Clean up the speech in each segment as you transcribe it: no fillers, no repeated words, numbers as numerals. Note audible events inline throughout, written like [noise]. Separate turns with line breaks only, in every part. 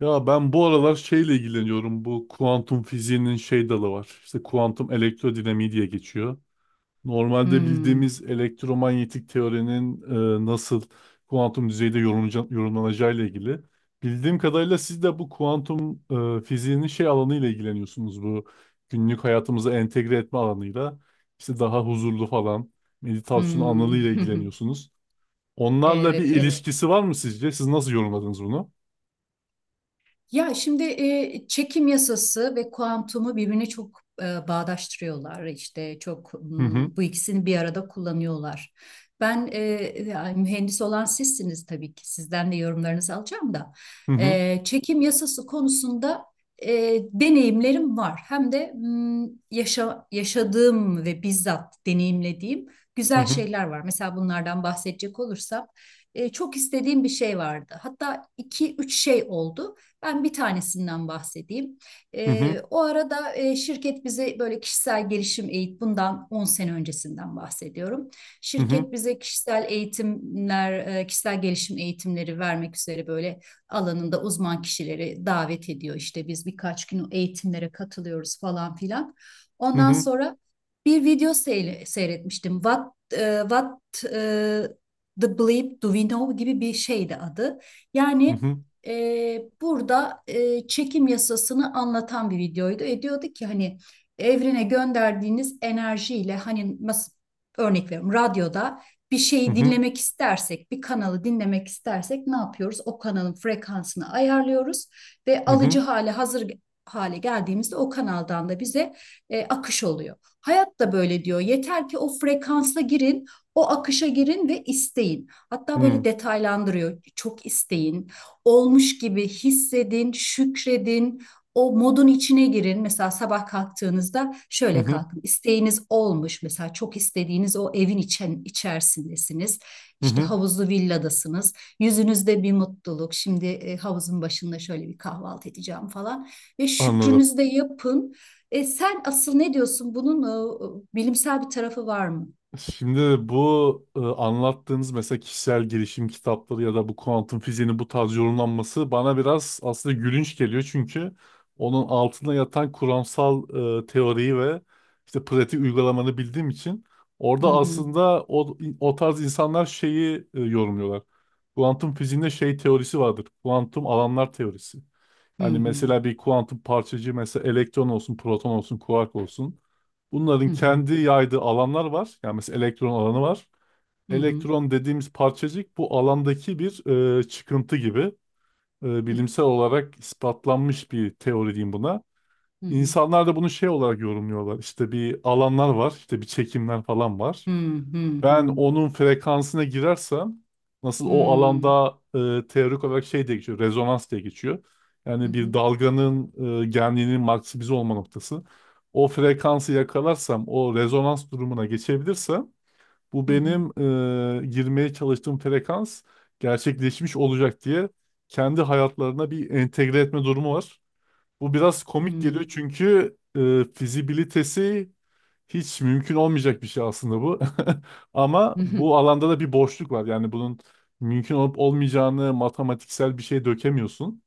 Ya ben bu aralar şeyle ilgileniyorum. Bu kuantum fiziğinin şey dalı var. İşte kuantum elektrodinamiği diye geçiyor. Normalde
Hmm,
bildiğimiz elektromanyetik teorinin nasıl kuantum düzeyde yorumlanacağıyla ilgili. Bildiğim kadarıyla siz de bu kuantum fiziğinin şey alanıyla ilgileniyorsunuz. Bu günlük hayatımıza entegre etme alanıyla. İşte daha huzurlu falan meditasyon alanıyla
hmm. [laughs]
ilgileniyorsunuz. Onlarla
Evet,
bir
evet.
ilişkisi var mı sizce? Siz nasıl yorumladınız bunu?
Ya şimdi çekim yasası ve kuantumu birbirine çok bağdaştırıyorlar. İşte çok
Hı hı.
bu ikisini bir arada kullanıyorlar. Ben e, yani mühendis olan sizsiniz tabii ki. Sizden de yorumlarınızı alacağım da.
Hı hı.
Çekim yasası konusunda e, deneyimlerim var. Hem de yaşadığım ve bizzat deneyimlediğim
Hı
güzel
hı.
şeyler var. Mesela bunlardan bahsedecek olursam çok istediğim bir şey vardı. Hatta iki üç şey oldu. Ben bir tanesinden bahsedeyim.
Hı hı
O arada şirket bize böyle kişisel gelişim eğitim, bundan 10 sene öncesinden bahsediyorum.
hı hı
Şirket bize kişisel eğitimler, kişisel gelişim eğitimleri vermek üzere böyle alanında uzman kişileri davet ediyor. İşte biz birkaç gün eğitimlere katılıyoruz falan filan. Ondan
hı
sonra bir video seyretmiştim. What the bleep do we know gibi bir şeydi adı.
hı
Yani
hı
burada çekim yasasını anlatan bir videoydu. Diyordu ki hani evrene gönderdiğiniz enerjiyle, hani nasıl, örnek veriyorum, radyoda bir
hı
şeyi
hı
dinlemek istersek, bir kanalı dinlemek istersek ne yapıyoruz? O kanalın frekansını ayarlıyoruz ve
hı hı hı
alıcı hale hazır hale geldiğimizde o kanaldan da bize akış oluyor. Hayat da böyle diyor. Yeter ki o frekansa girin, o akışa girin ve isteyin. Hatta böyle
hı
detaylandırıyor. Çok isteyin, olmuş gibi hissedin, şükredin. O modun içine girin. Mesela sabah kalktığınızda
hı
şöyle
hı
kalkın. İsteğiniz olmuş. Mesela çok istediğiniz o evin içerisindesiniz. İşte
hı.
havuzlu villadasınız. Yüzünüzde bir mutluluk. Şimdi havuzun başında şöyle bir kahvaltı edeceğim falan. Ve
Anladım.
şükrünüzü de yapın. Sen asıl ne diyorsun? Bunun bilimsel bir tarafı var mı?
Şimdi bu anlattığınız mesela kişisel gelişim kitapları ya da bu kuantum fiziğinin bu tarz yorumlanması bana biraz aslında gülünç geliyor çünkü onun altında yatan kuramsal teoriyi ve işte pratik uygulamanı bildiğim için
Hı
orada
hı.
aslında o tarz insanlar şeyi yorumluyorlar. Kuantum fiziğinde şey teorisi vardır. Kuantum alanlar teorisi.
Hı
Hani
hı.
mesela bir kuantum parçacığı mesela elektron olsun, proton olsun, kuark olsun. Bunların
Hı hı.
kendi yaydığı alanlar var. Yani mesela elektron alanı var.
Hı hı.
Elektron dediğimiz parçacık bu alandaki bir çıkıntı gibi. Bilimsel olarak ispatlanmış bir teori diyeyim buna.
Hı hı.
İnsanlar da bunu şey olarak yorumluyorlar. İşte bir alanlar var, işte bir çekimler falan var.
Hı hı. Hı
Ben
hı.
onun frekansına girersem nasıl o
Hmm.
alanda teorik olarak şey diye geçiyor, rezonans diye geçiyor.
Hı
Yani bir
hı.
dalganın genliğinin maksimize olma noktası. O frekansı yakalarsam, o rezonans durumuna geçebilirsem bu
Hı hı.
benim girmeye çalıştığım frekans gerçekleşmiş olacak diye kendi hayatlarına bir entegre etme durumu var. Bu biraz komik
Hmm.
geliyor çünkü fizibilitesi hiç mümkün olmayacak bir şey aslında bu. [laughs] Ama
Hı hı.
bu alanda da bir boşluk var. Yani bunun mümkün olup olmayacağını matematiksel bir şey dökemiyorsun.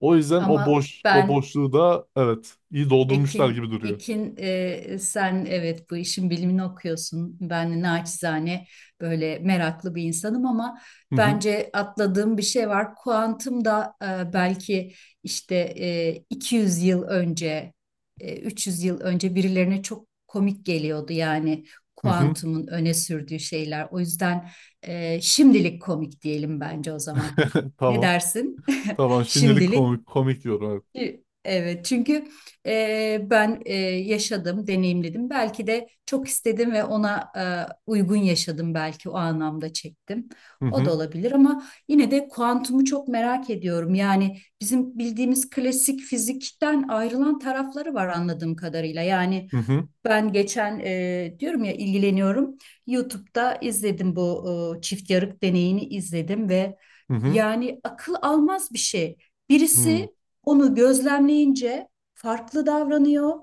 O yüzden
Ama
o
ben
boşluğu da evet iyi doldurmuşlar
Ekin,
gibi duruyor.
Sen evet bu işin bilimini okuyorsun. Ben naçizane böyle meraklı bir insanım ama
Hı hı.
bence atladığım bir şey var. Kuantum da belki işte 200 yıl önce, 300 yıl önce birilerine çok komik geliyordu, yani
Hı hı.
kuantumun öne sürdüğü şeyler. O yüzden şimdilik komik diyelim bence o zaman.
[laughs]
Ne
Tamam.
dersin?
Tamam.
[laughs]
Şimdilik
Şimdilik,
komik komik diyorum. Evet.
evet, çünkü ben yaşadım, deneyimledim. Belki de çok istedim ve ona uygun yaşadım, belki o anlamda çektim.
Hı
O da
hı.
olabilir ama yine de kuantumu çok merak ediyorum. Yani bizim bildiğimiz klasik fizikten ayrılan tarafları var anladığım kadarıyla. Yani
Hı hı.
ben geçen, diyorum ya, ilgileniyorum. YouTube'da izledim bu çift yarık deneyini izledim ve
Hı hı.
yani akıl almaz bir şey.
Hı.
Birisi onu gözlemleyince farklı davranıyor.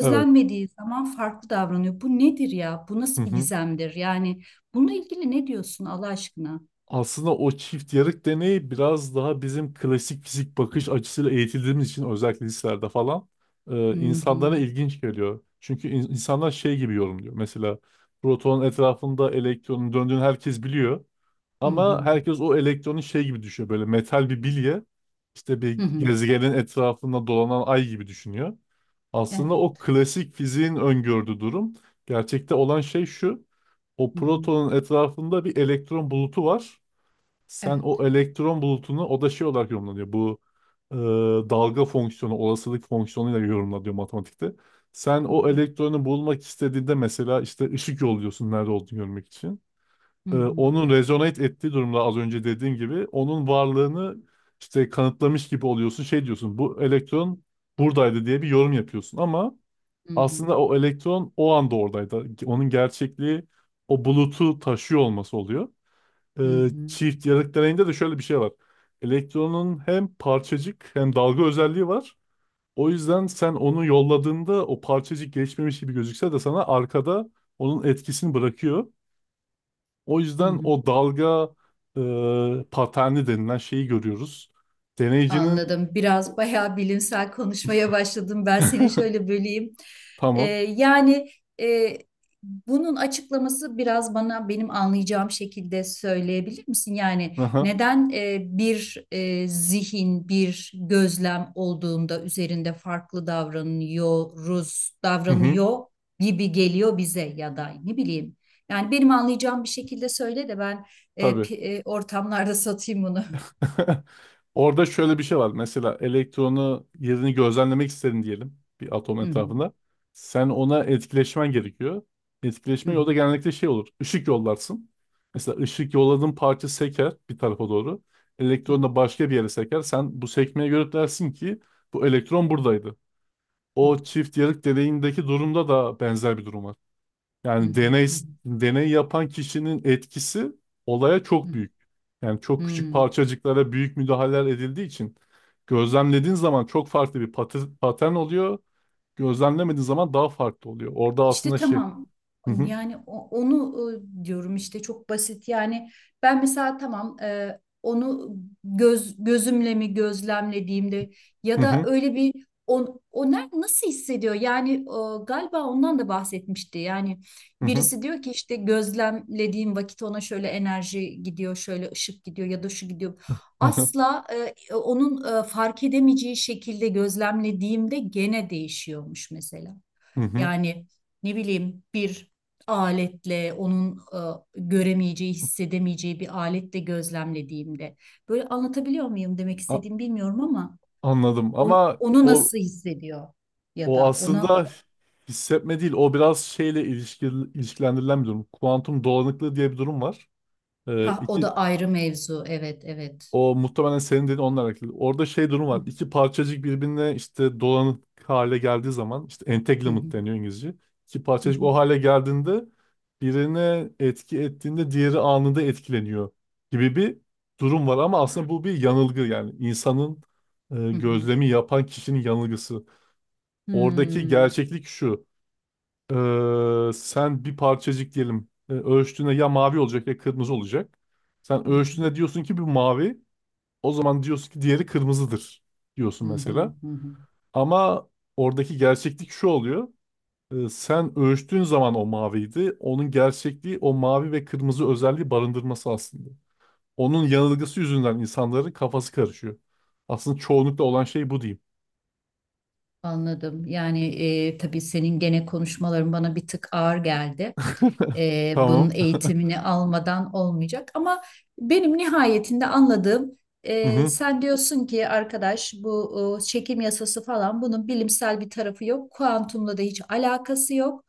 Evet.
zaman farklı davranıyor. Bu nedir ya? Bu
Hı
nasıl bir
hı.
gizemdir? Yani bununla ilgili ne diyorsun Allah aşkına?
Aslında o çift yarık deneyi biraz daha bizim klasik fizik bakış açısıyla eğitildiğimiz için özellikle liselerde falan
Hı hı.
insanlara ilginç geliyor. Çünkü insanlar şey gibi yorumluyor. Mesela protonun etrafında elektronun döndüğünü herkes biliyor.
Hı
Ama
hı.
herkes o elektronu şey gibi düşünüyor. Böyle metal bir bilye işte
Hı
bir
hı.
gezegenin etrafında dolanan ay gibi düşünüyor. Aslında o
Evet.
klasik fiziğin öngördüğü durum. Gerçekte olan şey şu. O
Hı hı.
protonun etrafında bir elektron bulutu var. Sen o
Evet.
elektron bulutunu o da şey olarak yorumlanıyor. Bu e, dalga fonksiyonu, olasılık fonksiyonuyla yorumlanıyor matematikte. Sen
Hı
o
hı.
elektronu bulmak istediğinde mesela işte ışık yolluyorsun nerede olduğunu görmek için.
Hı hı.
Onun rezonate ettiği durumda az önce dediğim gibi onun varlığını işte kanıtlamış gibi oluyorsun. Şey diyorsun bu elektron buradaydı diye bir yorum yapıyorsun ama
Hı hı.
aslında o elektron o anda oradaydı. Onun gerçekliği o bulutu taşıyor olması oluyor
Hı hı.
çift yarık deneyinde de şöyle bir şey var. Elektronun hem parçacık hem dalga özelliği var. O yüzden sen onu yolladığında o parçacık geçmemiş gibi gözükse de sana arkada onun etkisini bırakıyor. O
Hı
yüzden
hı.
o dalga paterni denilen şeyi görüyoruz. Deneyicinin
Anladım. Biraz bayağı bilimsel konuşmaya başladım. Ben seni
[laughs]
şöyle böleyim. Ee,
tamam.
yani e, bunun açıklaması biraz bana, benim anlayacağım şekilde söyleyebilir misin? Yani
Aha.
neden bir zihin, bir gözlem olduğunda üzerinde farklı davranıyoruz,
Hı hı.
davranıyor gibi geliyor bize, ya da ne bileyim. Yani benim anlayacağım bir şekilde söyle de ben e,
Tabii.
pi- ortamlarda satayım bunu.
[laughs] Orada şöyle bir şey var. Mesela elektronu yerini gözlemlemek istedin diyelim bir atom etrafında.
[laughs]
Sen ona etkileşmen gerekiyor.
Hı
Etkileşme
hı, hı hı,
yolda genellikle şey olur. Işık yollarsın. Mesela ışık yolladığın parça seker bir tarafa doğru.
hı.
Elektron da başka bir yere seker. Sen bu sekmeye göre dersin ki bu elektron buradaydı.
Hı
O çift yarık deneyindeki durumda da benzer bir durum var.
hı
Yani
hı hı
deney yapan kişinin etkisi olaya çok
hı.
büyük. Yani çok küçük
Hı.
parçacıklara büyük müdahaleler edildiği için gözlemlediğin zaman çok farklı bir patern oluyor. Gözlemlemediğin zaman daha farklı oluyor. Orada
İşte
aslında şey.
tamam,
Hı hı
yani onu, diyorum işte çok basit, yani ben mesela tamam onu gözümle mi gözlemlediğimde, ya
hı
da
hı
öyle bir o nasıl hissediyor yani, galiba ondan da bahsetmişti, yani
hı
birisi diyor ki işte gözlemlediğim vakit ona şöyle enerji gidiyor, şöyle ışık gidiyor, ya da şu gidiyor,
hı hı
asla onun fark edemeyeceği şekilde gözlemlediğimde gene değişiyormuş mesela.
hı hı.
Yani, ne bileyim, bir aletle, onun göremeyeceği, hissedemeyeceği bir aletle gözlemlediğimde. Böyle anlatabiliyor muyum demek
A-
istediğimi, bilmiyorum ama
Anladım ama
onu nasıl hissediyor ya
o
da ona,
aslında hissetme değil. O biraz şeyle ilişki, ilişkilendirilen bir durum. Kuantum dolanıklığı diye bir durum var.
ha o
İki
da ayrı mevzu. Evet, evet.
O muhtemelen senin dediğin onunla alakalı. Orada şey durum
Hı
var. İki parçacık birbirine işte dolanık hale geldiği zaman işte
hı
entanglement deniyor İngilizce. İki
hı
parçacık
hı
o hale geldiğinde birine etki ettiğinde diğeri anında etkileniyor gibi bir durum var ama aslında bu bir yanılgı yani
hı hı.
gözlemi yapan kişinin yanılgısı. Oradaki
Hmm,
gerçeklik şu. Sen bir parçacık diyelim ölçtüğünde ya mavi olacak ya kırmızı olacak. Sen
hı hı,
ölçtüğünde diyorsun ki bu mavi. O zaman diyorsun ki diğeri kırmızıdır
hı
diyorsun
hı,
mesela.
hı hı.
Ama oradaki gerçeklik şu oluyor. Sen ölçtüğün zaman o maviydi. Onun gerçekliği o mavi ve kırmızı özelliği barındırması aslında. Onun yanılgısı yüzünden insanların kafası karışıyor. Aslında çoğunlukla olan şey bu diyeyim.
Anladım. Yani tabii senin gene konuşmaların bana bir tık ağır geldi.
[laughs]
Bunun
Tamam.
eğitimini
[laughs]
almadan olmayacak. Ama benim nihayetinde anladığım,
Hı hı.
sen diyorsun ki arkadaş bu çekim yasası falan, bunun bilimsel bir tarafı yok. Kuantumla da hiç alakası yok.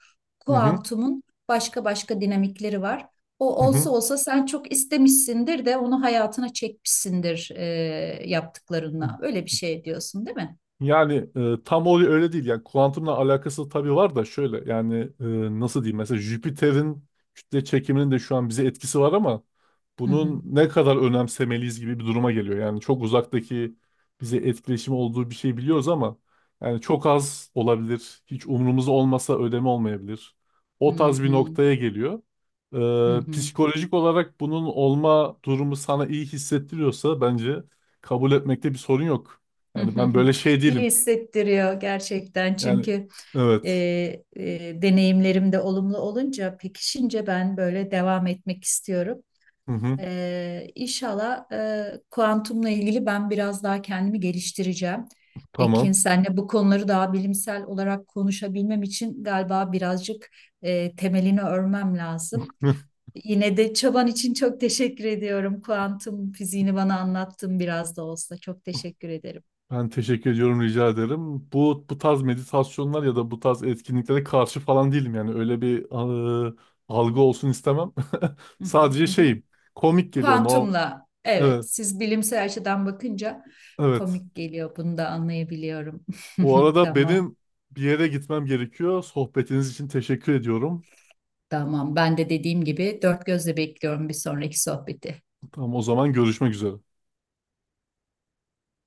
Hı hı.
Kuantumun başka başka dinamikleri var. O
Hı hı.
olsa olsa sen çok istemişsindir de onu hayatına çekmişsindir yaptıklarınla. Öyle bir şey diyorsun, değil mi?
Yani tam o öyle değil. Yani kuantumla alakası tabii var da şöyle yani nasıl diyeyim mesela Jüpiter'in kütle çekiminin de şu an bize etkisi var ama
Hı hı.
bunun ne kadar önemsemeliyiz gibi bir duruma geliyor. Yani çok uzaktaki bize etkileşimi olduğu bir şey biliyoruz ama yani çok az olabilir. Hiç umurumuzda olmasa ödeme olmayabilir.
Hı
O tarz bir
hı.
noktaya geliyor.
Hı hı.
Psikolojik olarak bunun olma durumu sana iyi hissettiriyorsa bence kabul etmekte bir sorun yok. Yani ben böyle
[laughs]
şey
İyi
değilim.
hissettiriyor gerçekten
Yani
çünkü e,
evet.
deneyimlerim de olumlu olunca, pekişince ben böyle devam etmek istiyorum.
Hı hı.
İnşallah kuantumla ilgili ben biraz daha kendimi geliştireceğim. Ekin,
Tamam.
senle bu konuları daha bilimsel olarak konuşabilmem için galiba birazcık temelini örmem lazım.
[laughs]
Yine de çaban için çok teşekkür ediyorum. Kuantum fiziğini bana anlattın biraz da olsa. Çok teşekkür ederim.
Ben teşekkür ediyorum, rica ederim. Bu tarz meditasyonlar ya da bu tarz etkinliklere karşı falan değilim yani. Öyle bir eee, algı olsun istemem. [laughs]
Hı hı,
Sadece
hı hı.
şeyim. Komik geliyor. No.
Kuantumla, evet,
Evet.
siz bilimsel açıdan bakınca
Evet.
komik geliyor, bunu da anlayabiliyorum.
Bu
[laughs]
arada
Tamam,
benim bir yere gitmem gerekiyor. Sohbetiniz için teşekkür ediyorum.
tamam, ben de dediğim gibi dört gözle bekliyorum bir sonraki sohbeti.
Tamam o zaman görüşmek üzere.